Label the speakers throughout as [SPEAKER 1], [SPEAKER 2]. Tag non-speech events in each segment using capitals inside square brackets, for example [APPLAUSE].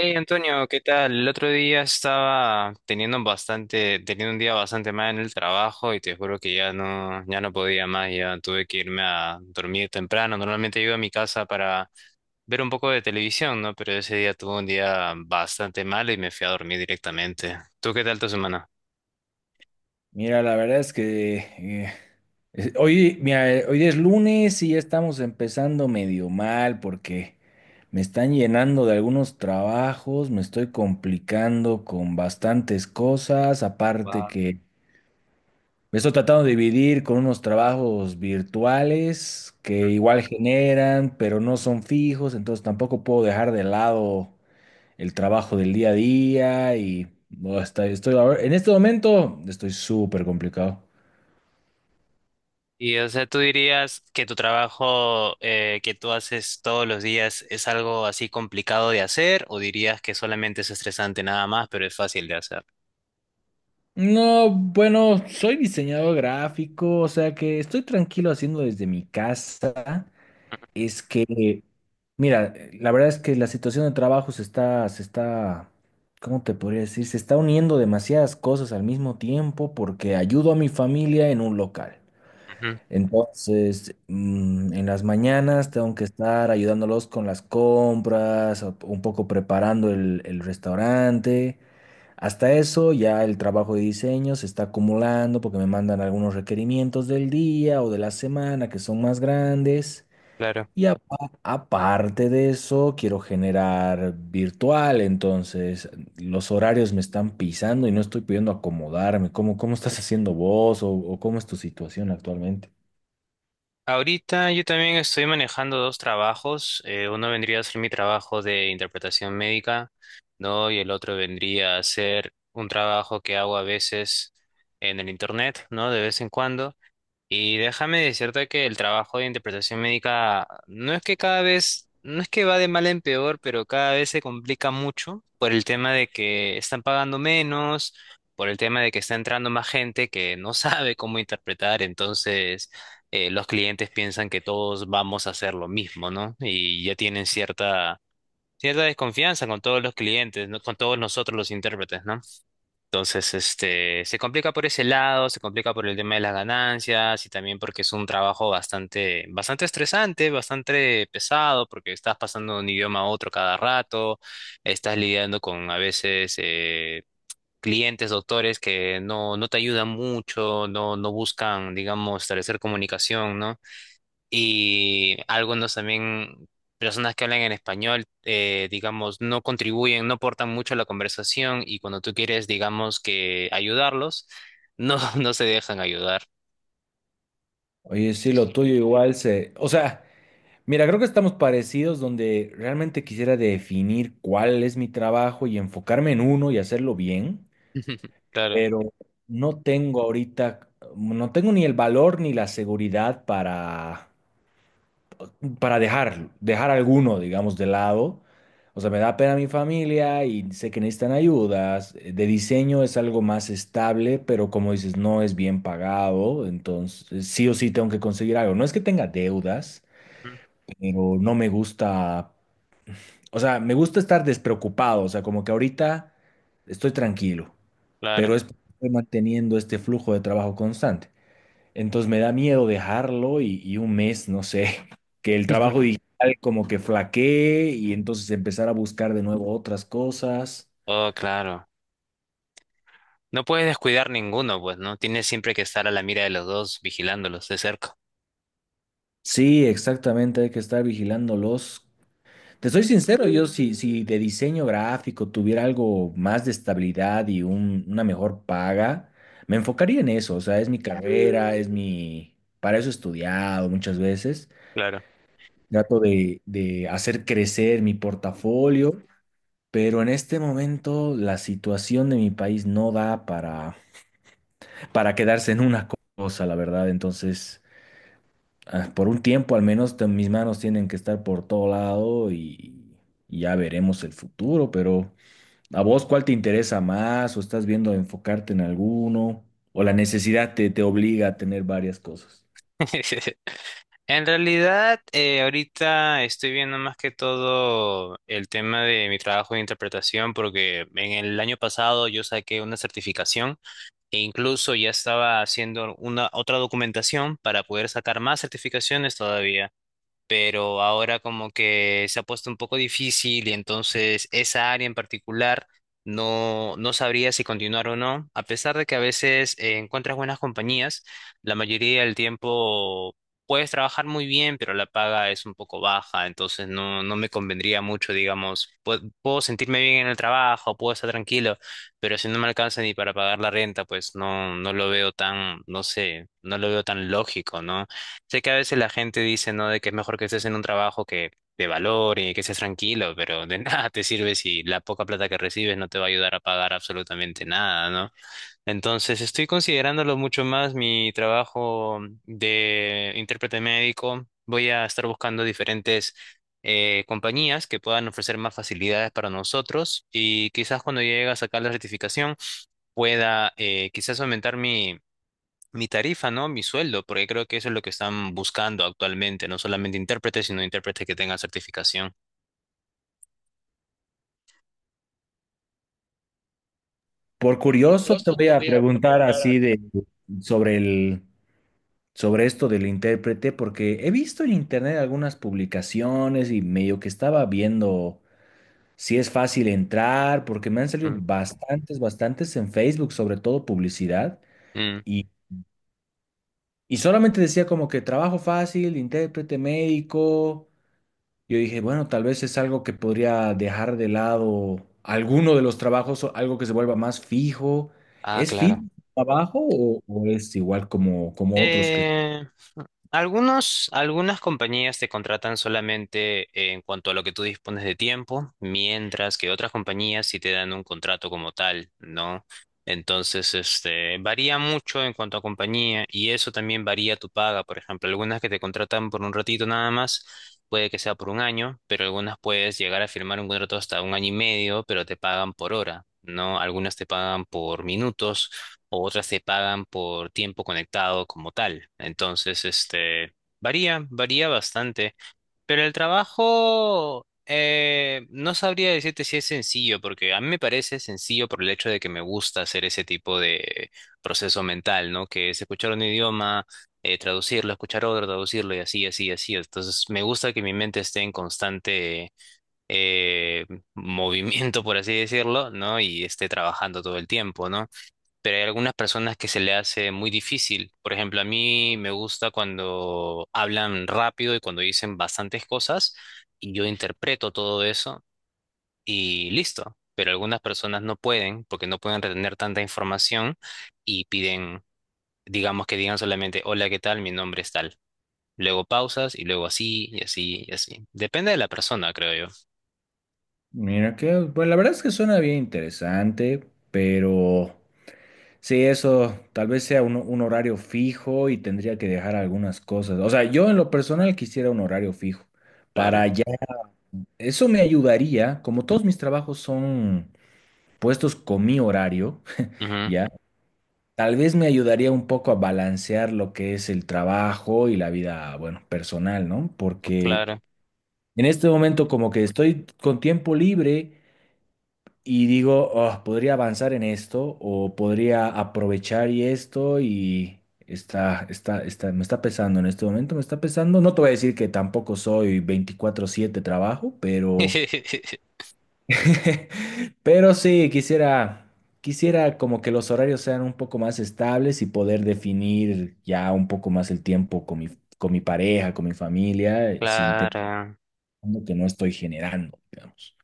[SPEAKER 1] Hey Antonio, ¿qué tal? El otro día estaba teniendo bastante, teniendo un día bastante mal en el trabajo y te juro que ya no, ya no podía más, ya tuve que irme a dormir temprano. Normalmente llego a mi casa para ver un poco de televisión, ¿no? Pero ese día tuve un día bastante mal y me fui a dormir directamente. ¿Tú qué tal tu semana?
[SPEAKER 2] Mira, la verdad es que hoy, mira, hoy es lunes y ya estamos empezando medio mal porque me están llenando de algunos trabajos, me estoy complicando con bastantes cosas, aparte
[SPEAKER 1] Wow.
[SPEAKER 2] que me estoy tratando de dividir con unos trabajos virtuales que igual generan, pero no son fijos, entonces tampoco puedo dejar de lado el trabajo del día a día y no, estoy, en este momento estoy súper complicado.
[SPEAKER 1] Y o sea, ¿tú dirías que tu trabajo que tú haces todos los días es algo así complicado de hacer o dirías que solamente es estresante nada más, pero es fácil de hacer?
[SPEAKER 2] No, bueno, soy diseñador gráfico, o sea que estoy tranquilo haciendo desde mi casa. Es que, mira, la verdad es que la situación de trabajo se está, ¿cómo te podría decir? Se está uniendo demasiadas cosas al mismo tiempo porque ayudo a mi familia en un local.
[SPEAKER 1] Ujú.
[SPEAKER 2] Entonces, en las mañanas tengo que estar ayudándolos con las compras, un poco preparando el restaurante. Hasta eso ya el trabajo de diseño se está acumulando porque me mandan algunos requerimientos del día o de la semana que son más grandes.
[SPEAKER 1] Claro.
[SPEAKER 2] Y aparte de eso, quiero generar virtual, entonces los horarios me están pisando y no estoy pudiendo acomodarme. Cómo estás haciendo vos o cómo es tu situación actualmente?
[SPEAKER 1] Ahorita yo también estoy manejando dos trabajos. Uno vendría a ser mi trabajo de interpretación médica, ¿no? Y el otro vendría a ser un trabajo que hago a veces en el internet, ¿no? De vez en cuando. Y déjame decirte que el trabajo de interpretación médica no es que cada vez, no es que va de mal en peor, pero cada vez se complica mucho por el tema de que están pagando menos, por el tema de que está entrando más gente que no [LAUGHS] sabe cómo interpretar, entonces los clientes piensan que todos vamos a hacer lo mismo, ¿no? Y ya tienen cierta, cierta desconfianza con todos los clientes, ¿no? Con todos nosotros los intérpretes, ¿no? Entonces, se complica por ese lado, se complica por el tema de las ganancias y también porque es un trabajo bastante, bastante estresante, bastante pesado, porque estás pasando de un idioma a otro cada rato, estás lidiando con a veces clientes, doctores que no, no te ayudan mucho, no, no buscan, digamos, establecer comunicación, ¿no? Y algunos también, personas que hablan en español, digamos, no contribuyen, no aportan mucho a la conversación y cuando tú quieres, digamos, que ayudarlos, no, [LAUGHS] no se dejan ayudar.
[SPEAKER 2] Oye, sí, lo tuyo igual se... O sea, mira, creo que estamos parecidos donde realmente quisiera definir cuál es mi trabajo y enfocarme en uno y hacerlo bien.
[SPEAKER 1] [LAUGHS] Claro,
[SPEAKER 2] Pero no tengo ahorita, no tengo ni el valor ni la seguridad para dejar alguno, digamos, de lado. O sea, me da pena mi familia y sé que necesitan ayudas. De diseño es algo más estable, pero como dices, no es bien pagado, entonces sí o sí tengo que conseguir algo. No es que tenga deudas,
[SPEAKER 1] mm,
[SPEAKER 2] pero no me gusta, o sea, me gusta estar despreocupado, o sea, como que ahorita estoy tranquilo, pero
[SPEAKER 1] claro.
[SPEAKER 2] es porque estoy manteniendo este flujo de trabajo constante. Entonces me da miedo dejarlo y un mes, no sé, [LAUGHS] que el trabajo
[SPEAKER 1] [LAUGHS]
[SPEAKER 2] digital como que flaquee y entonces empezar a buscar de nuevo otras cosas.
[SPEAKER 1] Oh, claro. No puedes descuidar ninguno, pues, ¿no? Tienes siempre que estar a la mira de los dos, vigilándolos de cerca.
[SPEAKER 2] Sí, exactamente, hay que estar vigilándolos. Te soy sincero, yo si de diseño gráfico tuviera algo más de estabilidad y una mejor paga, me enfocaría en eso, o sea, es mi carrera, es mi... Para eso he estudiado muchas veces.
[SPEAKER 1] Claro.
[SPEAKER 2] Trato de hacer crecer mi portafolio, pero en este momento la situación de mi país no da para quedarse en una cosa, la verdad. Entonces, ah, por un tiempo al menos mis manos tienen que estar por todo lado y ya veremos el futuro, pero ¿a vos cuál te interesa más o estás viendo enfocarte en alguno o la necesidad te obliga a tener varias cosas?
[SPEAKER 1] [LAUGHS] En realidad, ahorita estoy viendo más que todo el tema de mi trabajo de interpretación porque en el año pasado yo saqué una certificación e incluso ya estaba haciendo una otra documentación para poder sacar más certificaciones todavía, pero ahora como que se ha puesto un poco difícil y entonces esa área en particular no, no sabría si continuar o no, a pesar de que a veces encuentras buenas compañías, la mayoría del tiempo puedes trabajar muy bien, pero la paga es un poco baja, entonces no, no me convendría mucho, digamos. Pu- puedo sentirme bien en el trabajo, puedo estar tranquilo, pero si no me alcanza ni para pagar la renta, pues no, no lo veo tan, no sé, no lo veo tan lógico, ¿no? Sé que a veces la gente dice, ¿no? De que es mejor que estés en un trabajo que te valore, que seas tranquilo, pero de [LAUGHS] nada te sirve si la poca plata que recibes no te va a ayudar a pagar absolutamente nada, ¿no? Entonces estoy considerándolo mucho más mi trabajo de intérprete médico. Voy a estar buscando diferentes compañías que puedan ofrecer más facilidades para nosotros y quizás cuando llegue a sacar la certificación pueda quizás aumentar mi tarifa, ¿no? Mi sueldo, porque creo que eso es lo que están buscando actualmente, no solamente intérpretes, sino intérpretes que tengan certificación.
[SPEAKER 2] Por curioso, te voy a preguntar así de sobre el... sobre esto del intérprete, porque he visto en internet algunas publicaciones y medio que estaba viendo si es fácil entrar, porque me han salido
[SPEAKER 1] Mm,
[SPEAKER 2] bastantes en Facebook, sobre todo publicidad,
[SPEAKER 1] mm.
[SPEAKER 2] y, y solamente decía como que trabajo fácil, intérprete médico. Yo dije, bueno, tal vez es algo que podría dejar de lado alguno de los trabajos o algo que se vuelva más fijo.
[SPEAKER 1] Ah,
[SPEAKER 2] ¿Es
[SPEAKER 1] claro.
[SPEAKER 2] fijo el trabajo o es igual como, como otros que...
[SPEAKER 1] Eh, Algunos, algunas compañías te contratan solamente en cuanto a lo que tú dispones de tiempo, mientras que otras compañías sí te dan un contrato como tal, ¿no? Entonces, varía mucho en cuanto a compañía y eso también varía tu paga. Por ejemplo, algunas que te contratan por un ratito nada más, puede que sea por un año, pero algunas puedes llegar a firmar un contrato hasta un año y medio, pero te pagan por hora, ¿no? Algunas te pagan por minutos o otras te pagan por tiempo conectado como tal. Entonces, varía, varía bastante. Pero el trabajo, no sabría decirte si es sencillo, porque a mí me parece sencillo por el hecho de que me gusta hacer ese tipo de proceso mental, ¿no? Que es escuchar un idioma, traducirlo, escuchar otro, traducirlo y así, así, así. Entonces, me gusta que mi mente esté en constante eh, [LAUGHS] movimiento, por así decirlo, ¿no? Y esté trabajando todo el tiempo, ¿no? Pero hay algunas personas que se le hace muy difícil. Por ejemplo, a mí me gusta cuando hablan rápido y cuando dicen bastantes cosas y yo interpreto todo eso y listo. Pero algunas personas no pueden porque no pueden retener tanta información y piden, digamos que digan solamente, hola, ¿qué tal? Mi nombre es tal. Luego pausas y luego así y así y así. Depende de la persona, creo yo.
[SPEAKER 2] Mira que, bueno, la verdad es que suena bien interesante, pero sí, eso tal vez sea un horario fijo y tendría que dejar algunas cosas. O sea, yo en lo personal quisiera un horario fijo para
[SPEAKER 1] Claro.
[SPEAKER 2] ya. Eso me ayudaría, como todos mis trabajos son puestos con mi horario, [LAUGHS]
[SPEAKER 1] Ujú.
[SPEAKER 2] ya, tal vez me ayudaría un poco a balancear lo que es el trabajo y la vida, bueno, personal, ¿no? Porque
[SPEAKER 1] Claro.
[SPEAKER 2] en este momento como que estoy con tiempo libre. Y digo, "Oh, podría avanzar en esto o podría aprovechar y esto y está, me está pesando en este momento, me está pesando. No te voy a decir que tampoco soy 24/7 trabajo, pero,
[SPEAKER 1] [LAUGHS]
[SPEAKER 2] [LAUGHS] pero sí, quisiera, quisiera como que los horarios sean un poco más estables y poder definir ya un poco más el tiempo con mi pareja, con mi familia, sin tener
[SPEAKER 1] Claro.
[SPEAKER 2] que no estoy generando, digamos.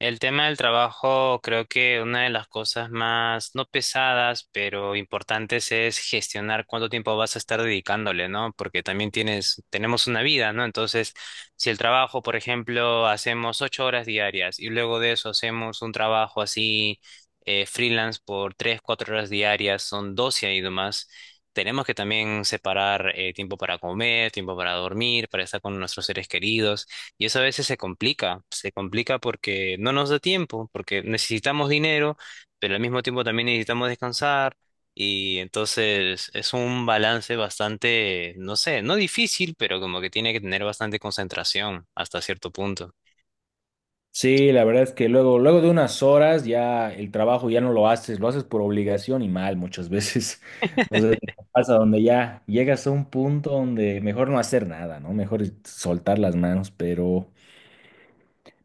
[SPEAKER 1] El tema del trabajo, creo que una de las cosas más, no pesadas, pero importantes es gestionar cuánto tiempo vas a estar dedicándole, ¿no? Porque también tienes, tenemos una vida, ¿no? Entonces, si el trabajo, por ejemplo, hacemos 8 horas diarias y luego de eso hacemos un trabajo así freelance por 3, 4 horas diarias, son 12 y demás. Tenemos que también separar tiempo para comer, tiempo para dormir, para estar con nuestros seres queridos. Y eso a veces se complica porque no nos da tiempo, porque necesitamos dinero, pero al mismo tiempo también necesitamos descansar. Y entonces es un balance bastante, no sé, no difícil, pero como que tiene que tener bastante concentración hasta cierto punto.
[SPEAKER 2] Sí, la verdad es que luego, luego de unas horas ya el trabajo ya no lo haces, lo haces por obligación y mal muchas veces. [LAUGHS] No sé si te pasa donde ya llegas a un punto donde mejor no hacer nada, ¿no? Mejor soltar las manos,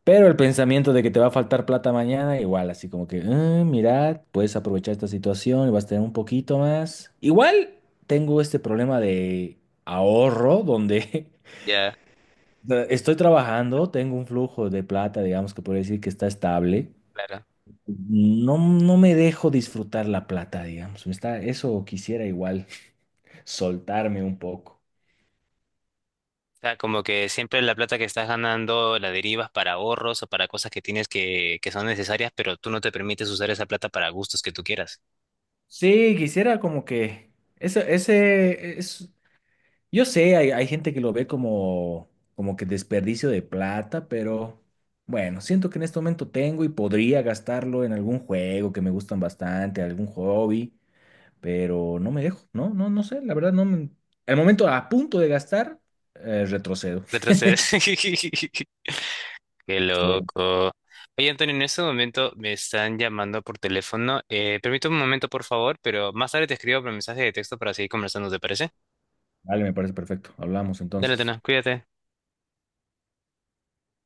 [SPEAKER 2] pero el pensamiento de que te va a faltar plata mañana, igual, así como que, "Ah, mirad, puedes aprovechar esta situación y vas a tener un poquito más. Igual tengo este problema de ahorro donde
[SPEAKER 1] Ya,
[SPEAKER 2] [LAUGHS] estoy trabajando, tengo un flujo de plata, digamos que podría decir que está estable.
[SPEAKER 1] claro.
[SPEAKER 2] No, no me dejo disfrutar la plata, digamos. Me está, eso quisiera igual [LAUGHS] soltarme un poco.
[SPEAKER 1] O sea, como que siempre la plata que estás ganando la derivas para ahorros o para cosas que tienes que son necesarias, pero tú no te permites usar esa plata para gustos que tú quieras.
[SPEAKER 2] Sí, quisiera como que ese es, yo sé, hay gente que lo ve como, como que desperdicio de plata, pero bueno, siento que en este momento tengo y podría gastarlo en algún juego que me gustan bastante, algún hobby, pero no me dejo, no, no, no sé, la verdad no me- al momento a punto de gastar, retrocedo.
[SPEAKER 1] Retrocedes. [LAUGHS] Qué
[SPEAKER 2] Sí,
[SPEAKER 1] loco. Oye, Antonio, en este momento me están llamando por teléfono. Permíteme un momento, por favor, pero más tarde te escribo por mensaje de texto para seguir conversando, ¿te parece?
[SPEAKER 2] vale, me parece perfecto. Hablamos
[SPEAKER 1] Dale,
[SPEAKER 2] entonces.
[SPEAKER 1] Tena, cuídate.